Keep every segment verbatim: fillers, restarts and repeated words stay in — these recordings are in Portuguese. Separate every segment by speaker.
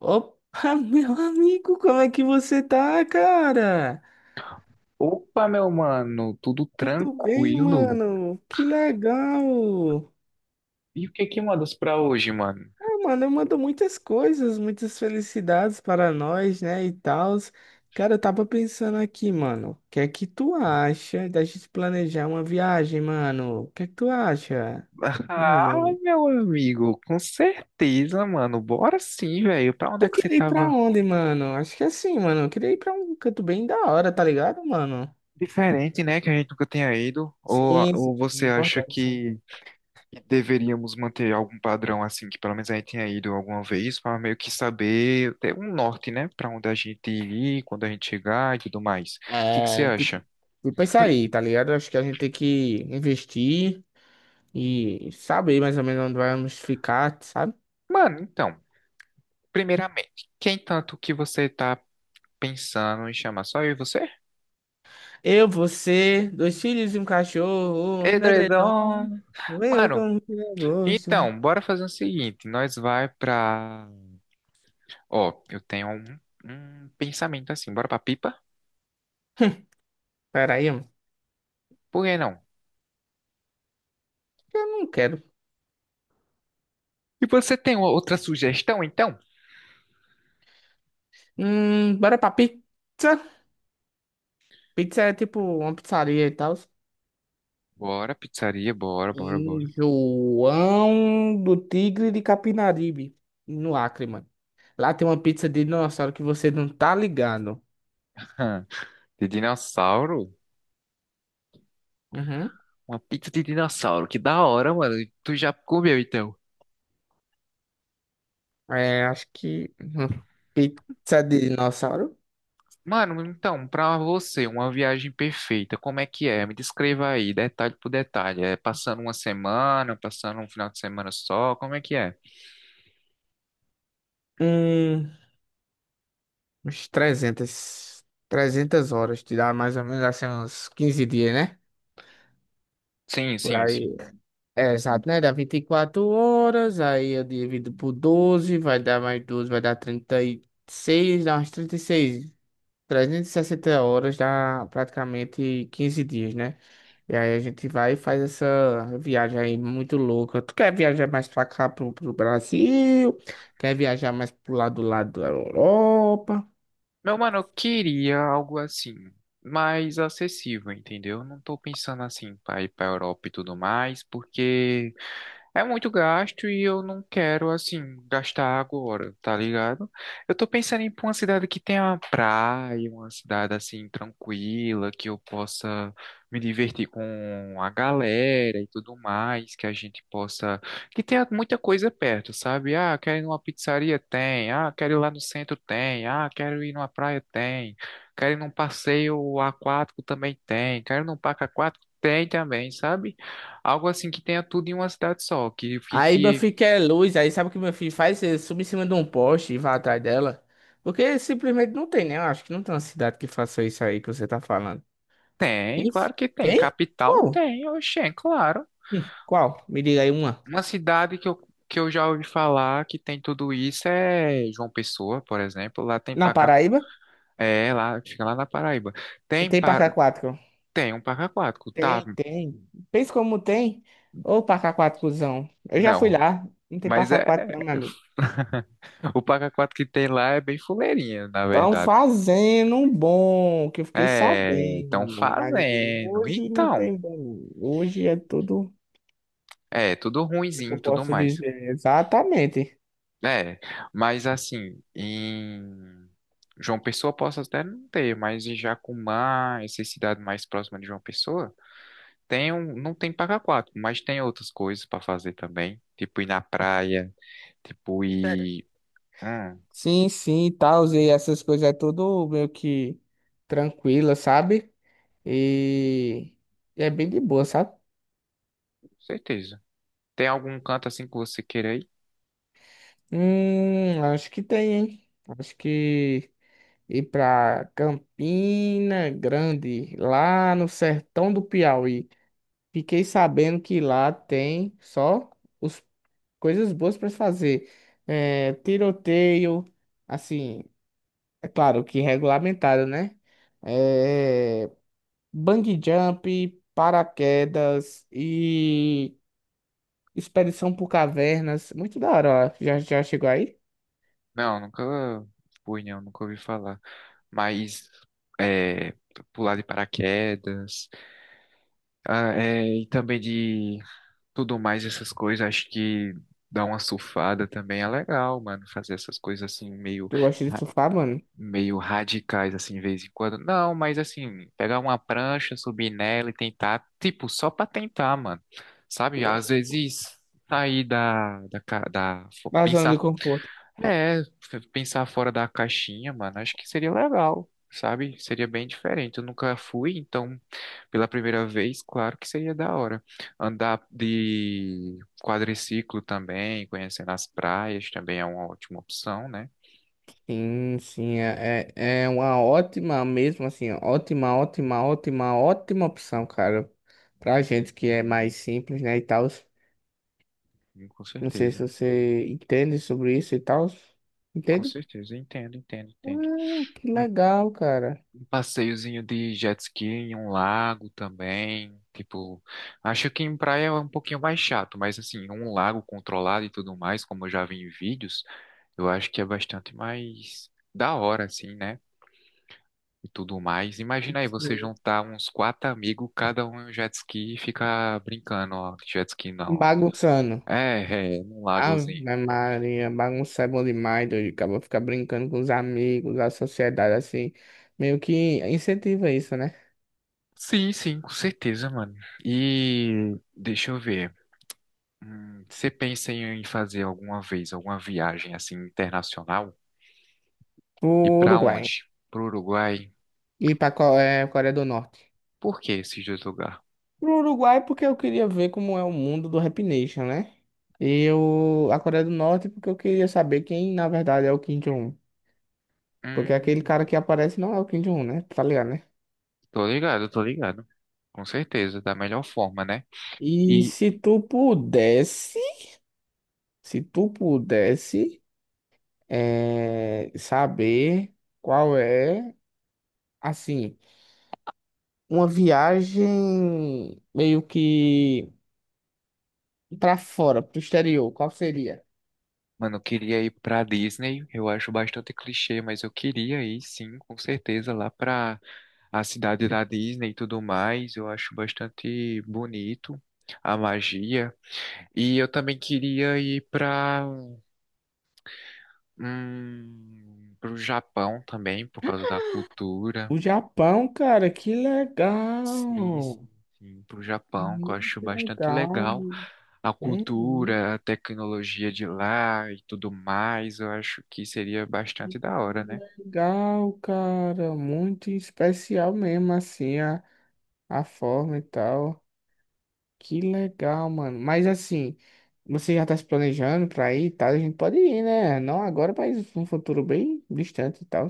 Speaker 1: Opa, meu amigo, como é que você tá, cara?
Speaker 2: Opa, meu mano, tudo
Speaker 1: Tudo bem,
Speaker 2: tranquilo?
Speaker 1: mano? Que legal!
Speaker 2: E o que que mandas pra hoje, mano?
Speaker 1: Ah, mano, eu mando muitas coisas, muitas felicidades para nós, né, e tal. Cara, eu tava pensando aqui, mano, o que é que tu acha da gente planejar uma viagem, mano? O que é que tu acha?
Speaker 2: Ah,
Speaker 1: Mano,
Speaker 2: meu amigo, com certeza, mano. Bora sim, velho. Pra onde é
Speaker 1: eu
Speaker 2: que você
Speaker 1: queria ir pra
Speaker 2: tava?
Speaker 1: onde, mano? Acho que é assim, mano, eu queria ir pra um canto bem da hora, tá ligado, mano?
Speaker 2: Diferente, né? Que a gente nunca tenha ido. Ou,
Speaker 1: Sim, sim,
Speaker 2: ou
Speaker 1: é
Speaker 2: você acha
Speaker 1: importante.
Speaker 2: que deveríamos manter algum padrão assim, que pelo menos a gente tenha ido alguma vez, pra meio que saber, ter um norte, né? Pra onde a gente ir, quando a gente chegar e tudo mais. O que que você
Speaker 1: É, tipo,
Speaker 2: acha?
Speaker 1: tipo isso aí, tá ligado? Acho que a gente tem que investir e saber mais ou menos onde vamos ficar, sabe?
Speaker 2: Mano, então, primeiramente, quem tanto que você tá pensando em chamar só eu e você?
Speaker 1: Eu, você, dois filhos e um cachorro, um edredom,
Speaker 2: Edredom!
Speaker 1: eu
Speaker 2: Mano,
Speaker 1: como que eu gosto.
Speaker 2: então, bora fazer o seguinte. Nós vai pra... Ó, eu tenho um, um pensamento assim. Bora pra pipa?
Speaker 1: Peraí, mano.
Speaker 2: Por que não?
Speaker 1: Eu não quero.
Speaker 2: E você tem uma outra sugestão, então?
Speaker 1: Hum, bora pra pizza. Pizza é tipo uma pizzaria e tal.
Speaker 2: Bora, pizzaria, bora, bora,
Speaker 1: Em
Speaker 2: bora.
Speaker 1: João do Tigre de Capinaribe, no Acre, mano. Lá tem uma pizza de dinossauro que você não tá ligado.
Speaker 2: De dinossauro?
Speaker 1: Uhum.
Speaker 2: Uma pizza de dinossauro, que da hora, mano. Tu já comeu, então?
Speaker 1: É, acho que uma pizza de dinossauro.
Speaker 2: Mano, então, pra você, uma viagem perfeita, como é que é? Me descreva aí, detalhe por detalhe. É passando uma semana, passando um final de semana só, como é que é?
Speaker 1: Hum, Uns trezentas trezentas horas, te dá mais ou menos assim uns quinze dias, né?
Speaker 2: Sim,
Speaker 1: Por
Speaker 2: sim, sim.
Speaker 1: aí. É, exato, né? Dá vinte e quatro horas, aí eu divido por doze, vai dar mais doze, vai dar trinta e seis, dá umas trinta e trezentas e sessenta horas, dá praticamente quinze dias, né? E aí a gente vai e faz essa viagem aí muito louca. Tu quer viajar mais pra cá, pro, pro Brasil? Quer viajar mais pro lado do lado da Europa?
Speaker 2: Meu mano, eu queria algo assim, mais acessível, entendeu? Eu Não tô pensando assim pra ir pra Europa e tudo mais, porque é muito gasto e eu não quero, assim, gastar agora, tá ligado? Eu tô pensando em ir pra uma cidade que tenha uma praia, uma cidade, assim, tranquila, que eu possa me divertir com a galera e tudo mais, que a gente possa... Que tenha muita coisa perto, sabe? Ah, quero ir numa pizzaria? Tem. Ah, quero ir lá no centro? Tem. Ah, quero ir numa praia? Tem. Quero ir num passeio aquático? Também tem. Quero ir num parque aquático? Tem também, sabe? Algo assim que tenha tudo em uma cidade só, que
Speaker 1: Aí meu
Speaker 2: fique.
Speaker 1: filho quer luz, aí sabe o que meu filho faz? Ele sube em cima de um poste e vai atrás dela. Porque simplesmente não tem, né? Eu acho que não tem uma cidade que faça isso aí que você tá falando.
Speaker 2: Tem,
Speaker 1: Isso?
Speaker 2: claro que tem.
Speaker 1: Tem?
Speaker 2: Capital
Speaker 1: Qual?
Speaker 2: tem, oxê, claro.
Speaker 1: Hum, Qual? Me diga aí uma.
Speaker 2: Uma cidade que eu, que eu já ouvi falar que tem tudo isso é João Pessoa, por exemplo. Lá tem
Speaker 1: Na
Speaker 2: parque. aqu-
Speaker 1: Paraíba?
Speaker 2: É, lá, fica lá na Paraíba. Tem,
Speaker 1: Tem pra
Speaker 2: pa...
Speaker 1: cá quatro.
Speaker 2: Tem um parque aquático, tá?
Speaker 1: Tem, tem. Pensa como tem. Ô, Paca quatro, cuzão. Eu já fui
Speaker 2: Não,
Speaker 1: lá. Não tem
Speaker 2: mas
Speaker 1: Paca
Speaker 2: é.
Speaker 1: quatro, não, meu amigo.
Speaker 2: O parque aquático que tem lá é bem fuleirinha, na
Speaker 1: Estão
Speaker 2: verdade.
Speaker 1: fazendo um bom, que eu fiquei
Speaker 2: É, estão
Speaker 1: sabendo. Mas
Speaker 2: fazendo.
Speaker 1: hoje não
Speaker 2: Então,
Speaker 1: tem bom. Hoje é tudo
Speaker 2: é, tudo
Speaker 1: o que
Speaker 2: ruinzinho
Speaker 1: eu
Speaker 2: e tudo
Speaker 1: posso
Speaker 2: mais.
Speaker 1: dizer. Exatamente.
Speaker 2: É, mas assim, em João Pessoa posso até não ter, mas em Jacumã, essa cidade mais próxima de João Pessoa, tem um, não tem paga quatro, mas tem outras coisas para fazer também, tipo ir na praia, tipo
Speaker 1: Sério?
Speaker 2: ir, hum,
Speaker 1: Sim, sim, tal. E essas coisas é tudo meio que tranquila, sabe? E, e é bem de boa, sabe?
Speaker 2: certeza. Tem algum canto assim que você queira ir?
Speaker 1: Hum, acho que tem, hein? Acho que ir para Campina Grande, lá no sertão do Piauí. Fiquei sabendo que lá tem só os, coisas boas para fazer. É, tiroteio, assim, é claro que regulamentado, né? É, bungee jump, paraquedas e expedição por cavernas. Muito da hora, ó. Já, já chegou aí?
Speaker 2: Não, nunca fui, não, nunca ouvi falar. Mas é, pular de paraquedas, ah, é, e também de tudo mais, essas coisas, acho que dar uma surfada também é legal, mano, fazer essas coisas assim meio
Speaker 1: Eu gosto de
Speaker 2: ra-
Speaker 1: surfar, mano.
Speaker 2: meio radicais assim de vez em quando. Não, mas assim, pegar uma prancha, subir nela e tentar, tipo, só pra tentar, mano. Sabe? Às vezes sair da da, ca- da fo-
Speaker 1: Na zona de
Speaker 2: pensar
Speaker 1: conforto.
Speaker 2: é, pensar fora da caixinha, mano, acho que seria legal, sabe? Seria bem diferente. Eu nunca fui, então, pela primeira vez, claro que seria da hora. Andar de quadriciclo também, conhecendo as praias também é uma ótima opção, né?
Speaker 1: Sim, sim, é, é é uma ótima mesmo, assim, ótima, ótima, ótima, ótima opção, cara, pra gente que é mais simples, né, e tal.
Speaker 2: Hum, Com
Speaker 1: Não sei se
Speaker 2: certeza.
Speaker 1: você entende sobre isso e tal.
Speaker 2: Com
Speaker 1: Entende?
Speaker 2: certeza, entendo, entendo, entendo.
Speaker 1: Ah, que
Speaker 2: Um
Speaker 1: legal, cara.
Speaker 2: um passeiozinho de jet ski em um lago também, tipo, acho que em praia é um pouquinho mais chato, mas assim, um lago controlado e tudo mais, como eu já vi em vídeos, eu acho que é bastante mais da hora, assim, né? E tudo mais. Imagina aí você
Speaker 1: Sim.
Speaker 2: juntar uns quatro amigos, cada um em um jet ski e ficar brincando, ó. Jet ski não.
Speaker 1: Bagunçando.
Speaker 2: É, é, num lagozinho.
Speaker 1: Ave Maria, bagunçar é bom demais, doido. Acaba ficar brincando com os amigos, a sociedade, assim, meio que incentiva isso, né?
Speaker 2: Sim, sim, com certeza, mano. E deixa eu ver. Hum, você pensa em fazer alguma vez alguma viagem assim internacional?
Speaker 1: Pro
Speaker 2: E pra
Speaker 1: Uruguai.
Speaker 2: onde? Pro Uruguai?
Speaker 1: E pra Co- é, Coreia do Norte.
Speaker 2: Por que esses dois lugares?
Speaker 1: Pro Uruguai porque eu queria ver como é o mundo do Rap Nation, né? E eu, a Coreia do Norte porque eu queria saber quem, na verdade, é o Kim Jong-un. Porque aquele
Speaker 2: Hum,
Speaker 1: cara que aparece não é o Kim Jong-un, né? Tá ligado, né?
Speaker 2: Tô ligado, tô ligado. Com certeza, da melhor forma, né?
Speaker 1: E
Speaker 2: E
Speaker 1: se tu pudesse, se tu pudesse, eh, saber qual é, assim, uma viagem meio que pra fora, pro exterior, qual seria?
Speaker 2: mano, eu queria ir pra Disney. Eu acho bastante clichê, mas eu queria ir sim, com certeza, lá pra a cidade da Disney e tudo mais. Eu acho bastante bonito a magia. E eu também queria ir pra, hum, pro Japão também, por causa da cultura.
Speaker 1: O Japão, cara, que
Speaker 2: Sim,
Speaker 1: legal!
Speaker 2: sim, sim, pro Japão, que eu
Speaker 1: Uhum.
Speaker 2: acho
Speaker 1: Que
Speaker 2: bastante
Speaker 1: legal,
Speaker 2: legal. A
Speaker 1: né? Uhum.
Speaker 2: cultura, a tecnologia de lá e tudo mais, eu acho que seria bastante da hora, né?
Speaker 1: Legal, cara, muito especial mesmo, assim, a, a forma e tal. Que legal, mano. Mas assim, você já tá se planejando pra ir e tal? A gente pode ir, né? Não agora, mas num futuro bem distante e tal.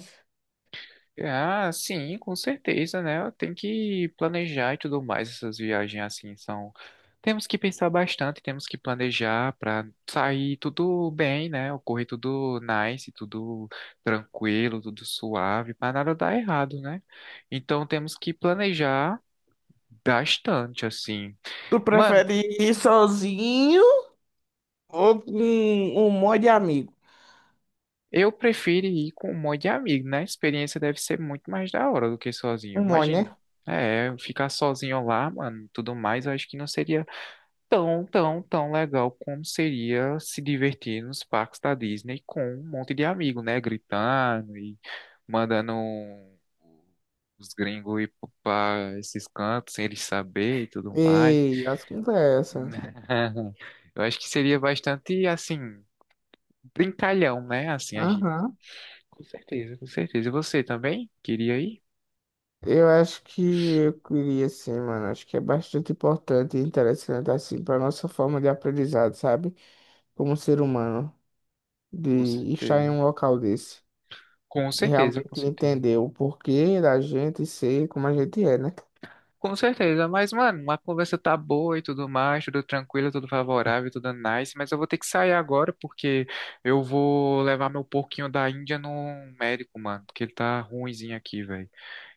Speaker 2: Ah, sim, com certeza, né? Tem que planejar e tudo mais essas viagens assim são. Temos que pensar bastante, temos que planejar para sair tudo bem, né? Ocorrer tudo nice, tudo tranquilo, tudo suave, para nada dar errado, né? Então temos que planejar bastante assim.
Speaker 1: Tu
Speaker 2: Mano,
Speaker 1: prefere ir sozinho ou com um monte de amigo?
Speaker 2: eu prefiro ir com um monte de amigo, né? A experiência deve ser muito mais da hora do que sozinho,
Speaker 1: Um monte,
Speaker 2: imagina.
Speaker 1: né?
Speaker 2: É, ficar sozinho lá, mano, tudo mais, eu acho que não seria tão, tão, tão legal como seria se divertir nos parques da Disney com um monte de amigo, né? Gritando e mandando um, os gringos ir para esses cantos sem eles saber e tudo mais.
Speaker 1: Ei, as conversas.
Speaker 2: Eu acho que seria bastante, assim, brincalhão, né? Assim, a gente.
Speaker 1: Aham.
Speaker 2: Com certeza, com certeza. E você também? Queria ir?
Speaker 1: Eu acho que eu queria sim, mano. Acho que é bastante importante e interessante assim para nossa forma de aprendizado, sabe? Como ser humano, de
Speaker 2: Com
Speaker 1: estar em
Speaker 2: certeza.
Speaker 1: um local desse
Speaker 2: Com
Speaker 1: e
Speaker 2: certeza, com
Speaker 1: realmente
Speaker 2: certeza.
Speaker 1: entender o porquê da gente ser como a gente é, né?
Speaker 2: Com certeza, mas, mano, a conversa tá boa e tudo mais, tudo tranquilo, tudo favorável, tudo nice, mas eu vou ter que sair agora porque eu vou levar meu porquinho da Índia no médico, mano, porque ele tá ruinzinho aqui, velho.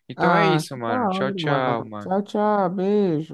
Speaker 2: Então é
Speaker 1: Ah,
Speaker 2: isso,
Speaker 1: que da
Speaker 2: mano. Tchau,
Speaker 1: hora,
Speaker 2: tchau,
Speaker 1: mano. Tchau,
Speaker 2: mano.
Speaker 1: tchau, beijo.